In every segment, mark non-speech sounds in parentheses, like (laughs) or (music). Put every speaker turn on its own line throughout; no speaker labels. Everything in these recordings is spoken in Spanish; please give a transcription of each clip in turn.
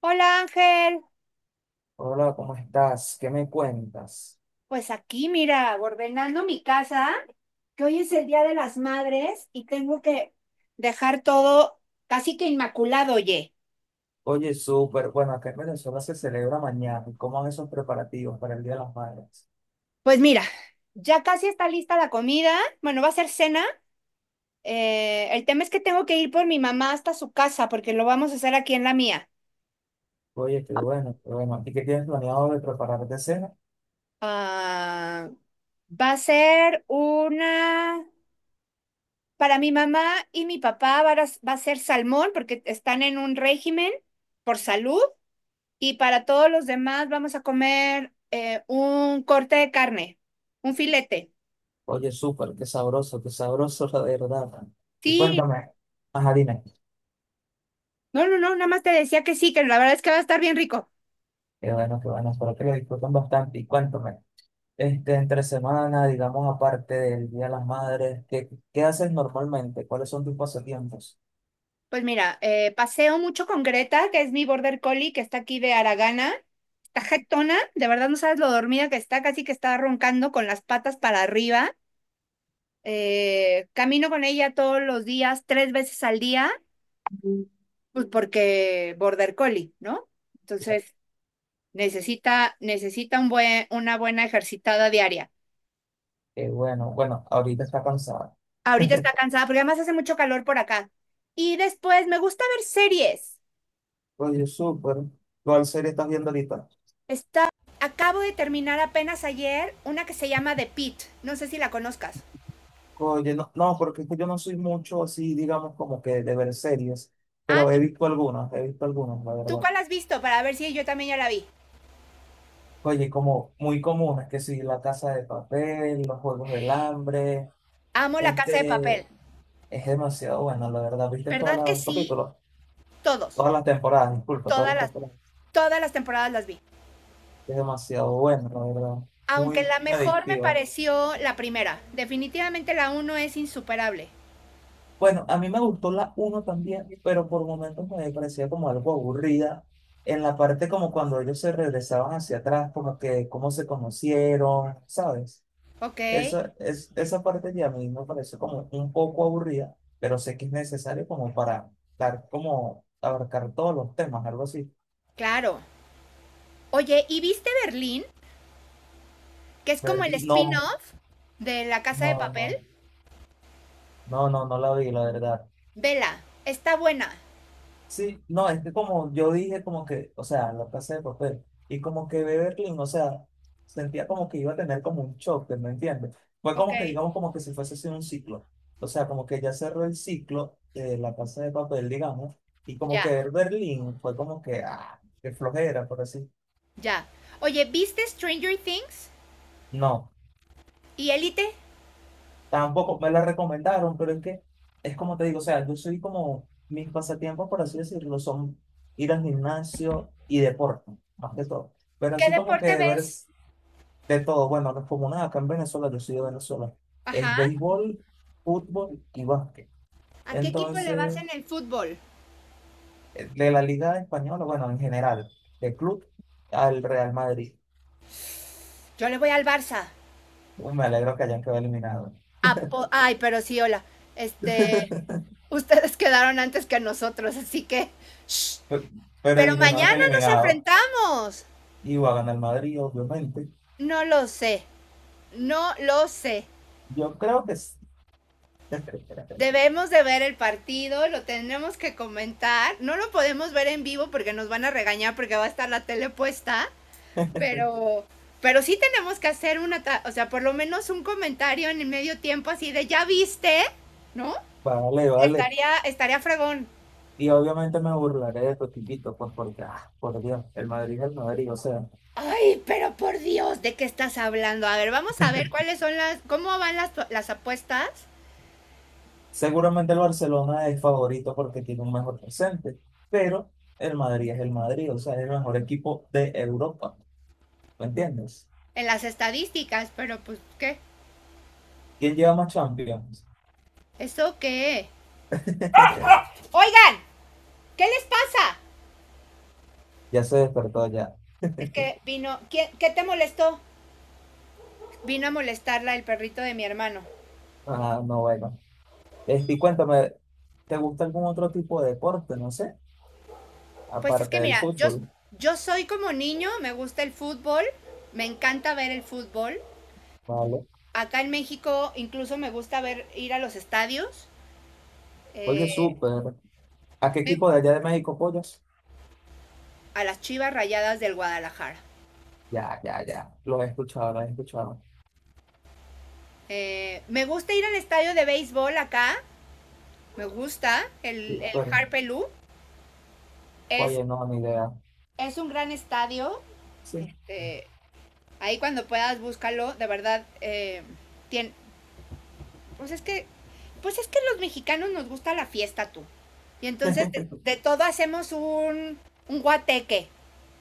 Hola Ángel,
Hola, ¿cómo estás? ¿Qué me cuentas?
pues aquí mira, ordenando mi casa, que hoy es el Día de las Madres y tengo que dejar todo casi que inmaculado, oye.
Oye, súper, bueno, acá en Venezuela se celebra mañana. ¿Cómo van esos preparativos para el Día de las Madres?
Pues mira, ya casi está lista la comida, bueno, va a ser cena. El tema es que tengo que ir por mi mamá hasta su casa porque lo vamos a hacer aquí en la mía.
Oye, qué bueno, qué bueno. ¿Y qué tienes planeado de preparar de cena?
Ah, va a ser una. Para mi mamá y mi papá va a ser salmón porque están en un régimen por salud. Y para todos los demás vamos a comer un corte de carne, un filete.
Oye, súper, qué sabroso, la verdad. Y
Sí,
cuéntame, ajá, dime.
no, no, no, nada más te decía que sí, que la verdad es que va a estar bien rico.
Qué bueno, espero que lo disfruten bastante. Y cuéntame, este, entre semana, digamos, aparte del Día de las Madres, ¿qué haces normalmente? ¿Cuáles son tus pasatiempos?
Pues mira, paseo mucho con Greta, que es mi border collie, que está aquí de Aragana. Está jetona, de verdad no sabes lo dormida que está, casi que está roncando con las patas para arriba. Camino con ella todos los días, tres veces al día, pues porque border collie, ¿no? Entonces, necesita una buena ejercitada diaria.
Qué bueno, bueno, ahorita está cansada.
Ahorita está
(laughs)
cansada porque además hace mucho calor por acá. Y después me gusta ver series.
Oye, súper. ¿Cuál serie estás viendo ahorita?
Está, Acabo de terminar apenas ayer una que se llama The Pitt. No sé si la conozcas.
Oye, no, no, porque es que yo no soy mucho así, digamos, como que de ver series,
Ah,
pero
¿tú,
he visto algunas, la
tú
verdad.
cuál has visto? Para ver si yo también ya la vi.
Oye, como muy comunes, que sí, La Casa de Papel, Los Juegos del Hambre,
Amo La Casa de Papel.
este, es demasiado bueno, la verdad. ¿Viste todos
¿Verdad que
los
sí?
capítulos?
Todos.
Todas las temporadas, disculpa, todas
Todas
las
las,
temporadas.
todas las temporadas las vi.
Es demasiado bueno, la verdad.
Aunque
Muy, muy
la mejor me
adictiva.
pareció la primera. Definitivamente la uno es insuperable.
Bueno, a mí me gustó la uno también, pero por momentos me parecía como algo aburrida. En la parte como cuando ellos se regresaban hacia atrás, como que cómo se conocieron, ¿sabes?
Ok,
Esa parte ya a mí me pareció como un poco aburrida, pero sé que es necesario como para dar como abarcar todos los temas, algo así.
claro. Oye, ¿y viste Berlín? Que es como
Pero
el
no,
spin-off de La Casa de
no,
Papel.
no, no, no, no la vi, la verdad.
Vela, está buena.
Sí, no, es que como yo dije, como que, o sea, la casa de papel, y como que Clean, o sea, sentía como que iba a tener como un choque, ¿me entiendes? Fue
Ok.
como que, digamos, como que si fuese así un ciclo, o sea, como que ya cerró el ciclo de la casa de papel, digamos, y como
Ya,
que Berlín fue como que, ah, qué flojera, por así.
ya. Oye, ¿viste Stranger Things?
No.
¿Y Elite?
Tampoco me la recomendaron, pero es que es como te digo, o sea, yo soy como mis pasatiempos, por así decirlo, son ir al gimnasio y deporte, más que todo. Pero
¿Qué
así como
deporte
que ver
ves?
es de todo, bueno, no es como nada, acá en Venezuela, yo soy de Venezuela, es
Ajá.
béisbol, fútbol y básquet.
¿A qué equipo le vas en
Entonces,
el fútbol?
de la Liga Española, bueno, en general, de club al Real Madrid.
Yo le voy al Barça.
Uy, me alegro que hayan quedado eliminados.
Ay, pero sí, hola. Este,
(laughs)
ustedes (laughs) quedaron antes que nosotros, así que. Shh.
Pero, pero
Pero
eliminado es
mañana nos
eliminado.
enfrentamos.
Y va a ganar el Madrid, obviamente.
No lo sé. No lo sé.
Yo creo que sí. (laughs)
Debemos de ver el partido, lo tendremos que comentar. No lo podemos ver en vivo porque nos van a regañar porque va a estar la tele puesta, pero pero sí tenemos que hacer una, o sea, por lo menos un comentario en el medio tiempo así de ya viste, ¿no?
Vale, vale.
Estaría fregón.
Y obviamente me burlaré de estos tipitos pues porque, ah, por Dios, el Madrid es el Madrid. O sea,
Ay, pero por Dios, ¿de qué estás hablando? A ver, vamos a ver cuáles son las cómo van las apuestas
seguramente el Barcelona es favorito porque tiene un mejor presente, pero el Madrid es el Madrid, o sea, es el mejor equipo de Europa. ¿Me entiendes?
en las estadísticas, pero pues ¿qué?
¿Quién lleva más Champions?
¿Eso qué?
(laughs)
Oigan, ¿qué les pasa?
Ya se despertó ya.
Que vino, ¿qué te molestó? Vino a molestarla el perrito de mi hermano.
Ah, no, bueno. Este, y cuéntame, ¿te gusta algún otro tipo de deporte? No sé,
Pues es
aparte
que
del
mira, yo,
fútbol,
yo soy como niño, me gusta el fútbol, me encanta ver el fútbol.
¿vale?
Acá en México incluso me gusta ver ir a los estadios,
Oye,
eh,
súper. ¿A qué equipo de allá de México apoyas?
a las Chivas Rayadas del Guadalajara.
Ya, ya, ya. Lo he escuchado, lo he escuchado.
Me gusta ir al estadio de béisbol acá, me gusta, el
Pero,
Harpelú. Es,
oye, no, ni idea.
es un gran estadio,
Sí.
eh, ahí cuando puedas búscalo, de verdad, tien, Pues es que, pues es que los mexicanos nos gusta la fiesta, tú. Y entonces de todo hacemos un guateque.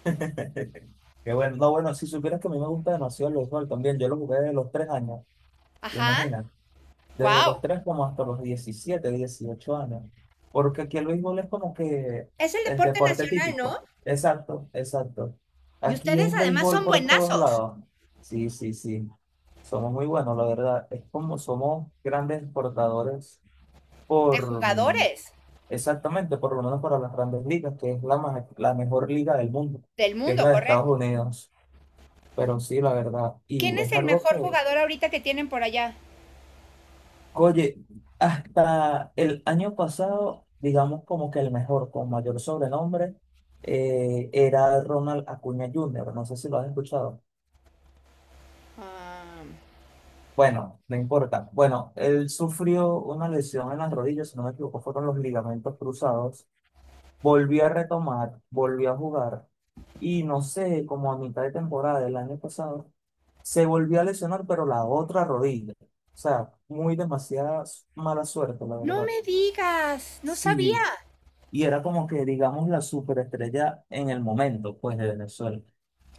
(laughs) Qué bueno. No, bueno, si supieras que a mí me gusta demasiado el béisbol también. Yo lo jugué desde los tres años,
Ajá.
imagina. Desde los
Wow.
tres como hasta los 17 18 años. Porque aquí el béisbol es como que
Es el
el
deporte
deporte
nacional,
típico.
¿no?
Exacto, exacto.
Y
Aquí
ustedes
es
además
béisbol
son
por todos
buenazos
lados. Sí, sí, sí. Somos muy buenos, la verdad. Es como somos grandes exportadores
de
por,
jugadores
exactamente, por lo menos para las grandes ligas, que es la, ma- la mejor liga del mundo,
del
que es
mundo,
la de Estados
¿correcto?
Unidos. Pero sí, la verdad,
¿Quién
y
es
es
el
algo
mejor
que,
jugador ahorita que tienen por allá?
oye, hasta el año pasado, digamos como que el mejor, con mayor sobrenombre, era Ronald Acuña Jr., no sé si lo has escuchado.
Ah,
Bueno, no importa. Bueno, él sufrió una lesión en las rodillas, si no me equivoco, fueron los ligamentos cruzados. Volví a retomar, volví a jugar y no sé, como a mitad de temporada del año pasado, se volvió a lesionar, pero la otra rodilla. O sea, muy demasiada mala suerte, la
no
verdad.
me digas, no sabía.
Sí, y era como que, digamos, la superestrella en el momento, pues, de Venezuela.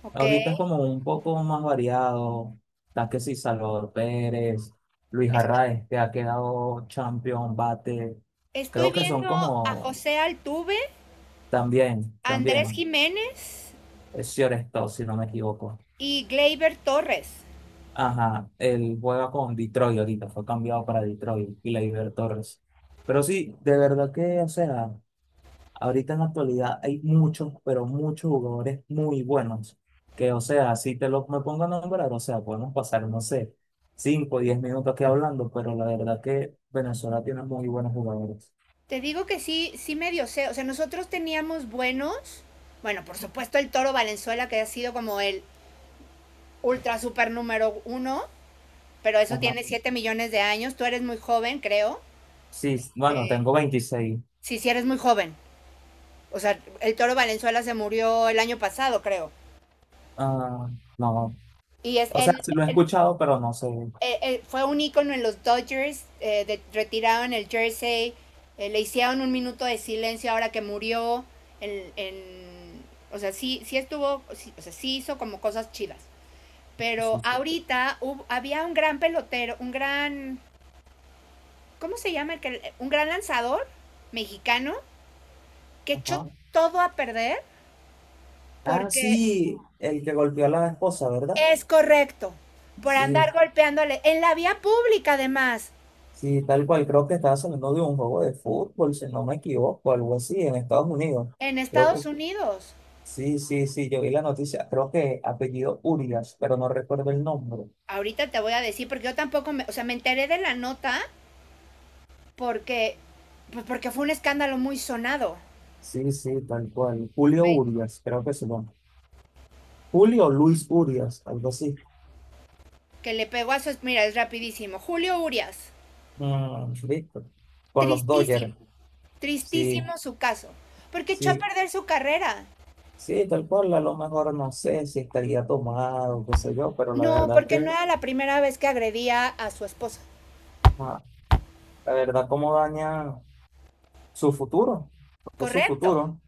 Ok.
Ahorita es como un poco más variado. Está que sí, Salvador Pérez, Luis
Es-
Arraez, que ha quedado champion, bate.
Estoy
Creo que son
viendo a
como,
José Altuve,
también,
Andrés
también.
Jiménez
Es Stone, si no me equivoco.
y Gleyber Torres.
Ajá, él juega con Detroit ahorita, fue cambiado para Detroit y la Torres. Pero sí, de verdad que, o sea, ahorita en la actualidad hay muchos, pero muchos jugadores muy buenos. Que, o sea, si te los me pongo a nombrar, o sea, podemos pasar, no sé, 5 o 10 minutos aquí hablando, pero la verdad que Venezuela tiene muy buenos jugadores.
Te digo que sí, sí medio sé. O sea, nosotros teníamos buenos. Bueno, por supuesto el Toro Valenzuela, que ha sido como el ultra super número uno, pero eso
Ajá.
tiene 7 millones de años. Tú eres muy joven, creo.
Sí, bueno,
Eh,
tengo 26.
sí, sí eres muy joven. O sea, el Toro Valenzuela se murió el año pasado, creo.
Ah, no,
Y es
o sea,
el
sí lo he escuchado, pero no sé.
fue un ícono en los Dodgers, retiraron el jersey, le hicieron un minuto de silencio ahora que murió, en, en- o sea, sí, sí estuvo, o sea, sí hizo como cosas chidas. Pero
Sí, pues.
ahorita había un gran pelotero, un gran, ¿cómo se llama? Un gran lanzador mexicano que echó
Ajá.
todo a perder
Ah,
porque
sí, el que golpeó a la esposa, ¿verdad?
es correcto, por andar
Sí,
golpeándole en la vía pública además,
sí, tal cual. Creo que estaba saliendo de un juego de fútbol, si no me equivoco, algo así, en Estados Unidos.
en
Creo
Estados
que
Unidos.
sí, sí, sí, yo vi la noticia. Creo que apellido Urias, pero no recuerdo el nombre.
Ahorita te voy a decir, porque yo tampoco, o sea, me enteré de la nota porque, pues porque fue un escándalo muy sonado.
Sí, sí, tal cual. Julio Urias, creo que es su nombre. Julio Luis Urias, algo así.
Que le pegó a su. Mira, es rapidísimo. Julio Urias,
Mm, listo. Con los
tristísimo,
Dodgers. Sí,
tristísimo su caso, porque echó a
sí,
perder su carrera.
sí, tal cual. A lo mejor no sé si estaría tomado, qué sé yo, pero la
No,
verdad
porque no
que.
era la primera vez que agredía a su esposa.
Ah, la verdad, cómo daña su futuro, porque es su
Correcto.
futuro.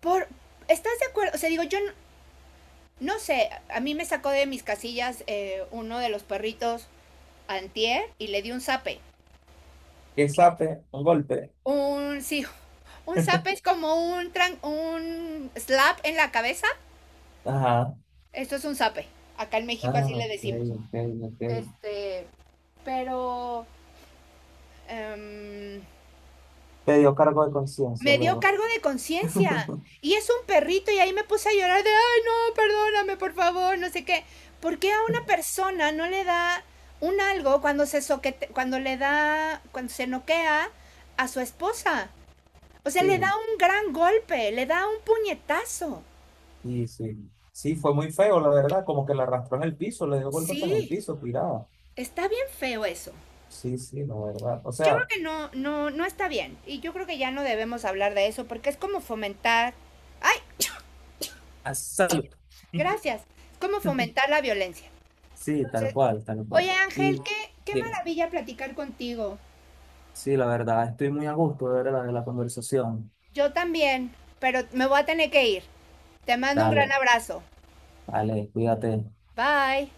Por, ¿Estás de acuerdo? O sea, digo, yo no, no sé, a mí me sacó de mis casillas uno de los perritos antier y le di un zape.
Que sape, un golpe.
Sí, un zape es
(laughs)
como un slap en la cabeza.
Ajá.
Esto es un zape. Acá en México así
Ah,
le
ok,
decimos.
ok, ok.
Este, pero em,
Te dio cargo de conciencia
me dio
luego.
cargo de conciencia.
(laughs)
Y es un perrito y ahí me puse a llorar de, ay, no, perdóname, por favor, no sé qué. ¿Por qué a una persona no le da un algo cuando se soquete, cuando le da, cuando se noquea a su esposa? O sea, le da
Sí,
un gran golpe, le da un puñetazo.
sí, sí. Sí, fue muy feo, la verdad, como que la arrastró en el piso, le dio golpes en el
Sí,
piso, tirada.
está bien feo eso.
Sí, sí, la verdad. O
Yo creo
sea,
que no, no, no está bien. Y yo creo que ya no debemos hablar de eso porque es como fomentar. ¡Ay!
a salud. (laughs)
Gracias. Es como fomentar la violencia.
Sí, tal
Entonces,
cual, tal cual.
oye Ángel,
Y
qué, qué
diga,
maravilla platicar contigo.
sí, la verdad, estoy muy a gusto, de verdad, de la conversación.
Yo también, pero me voy a tener que ir. Te mando un gran
Dale,
abrazo.
dale, cuídate.
Bye.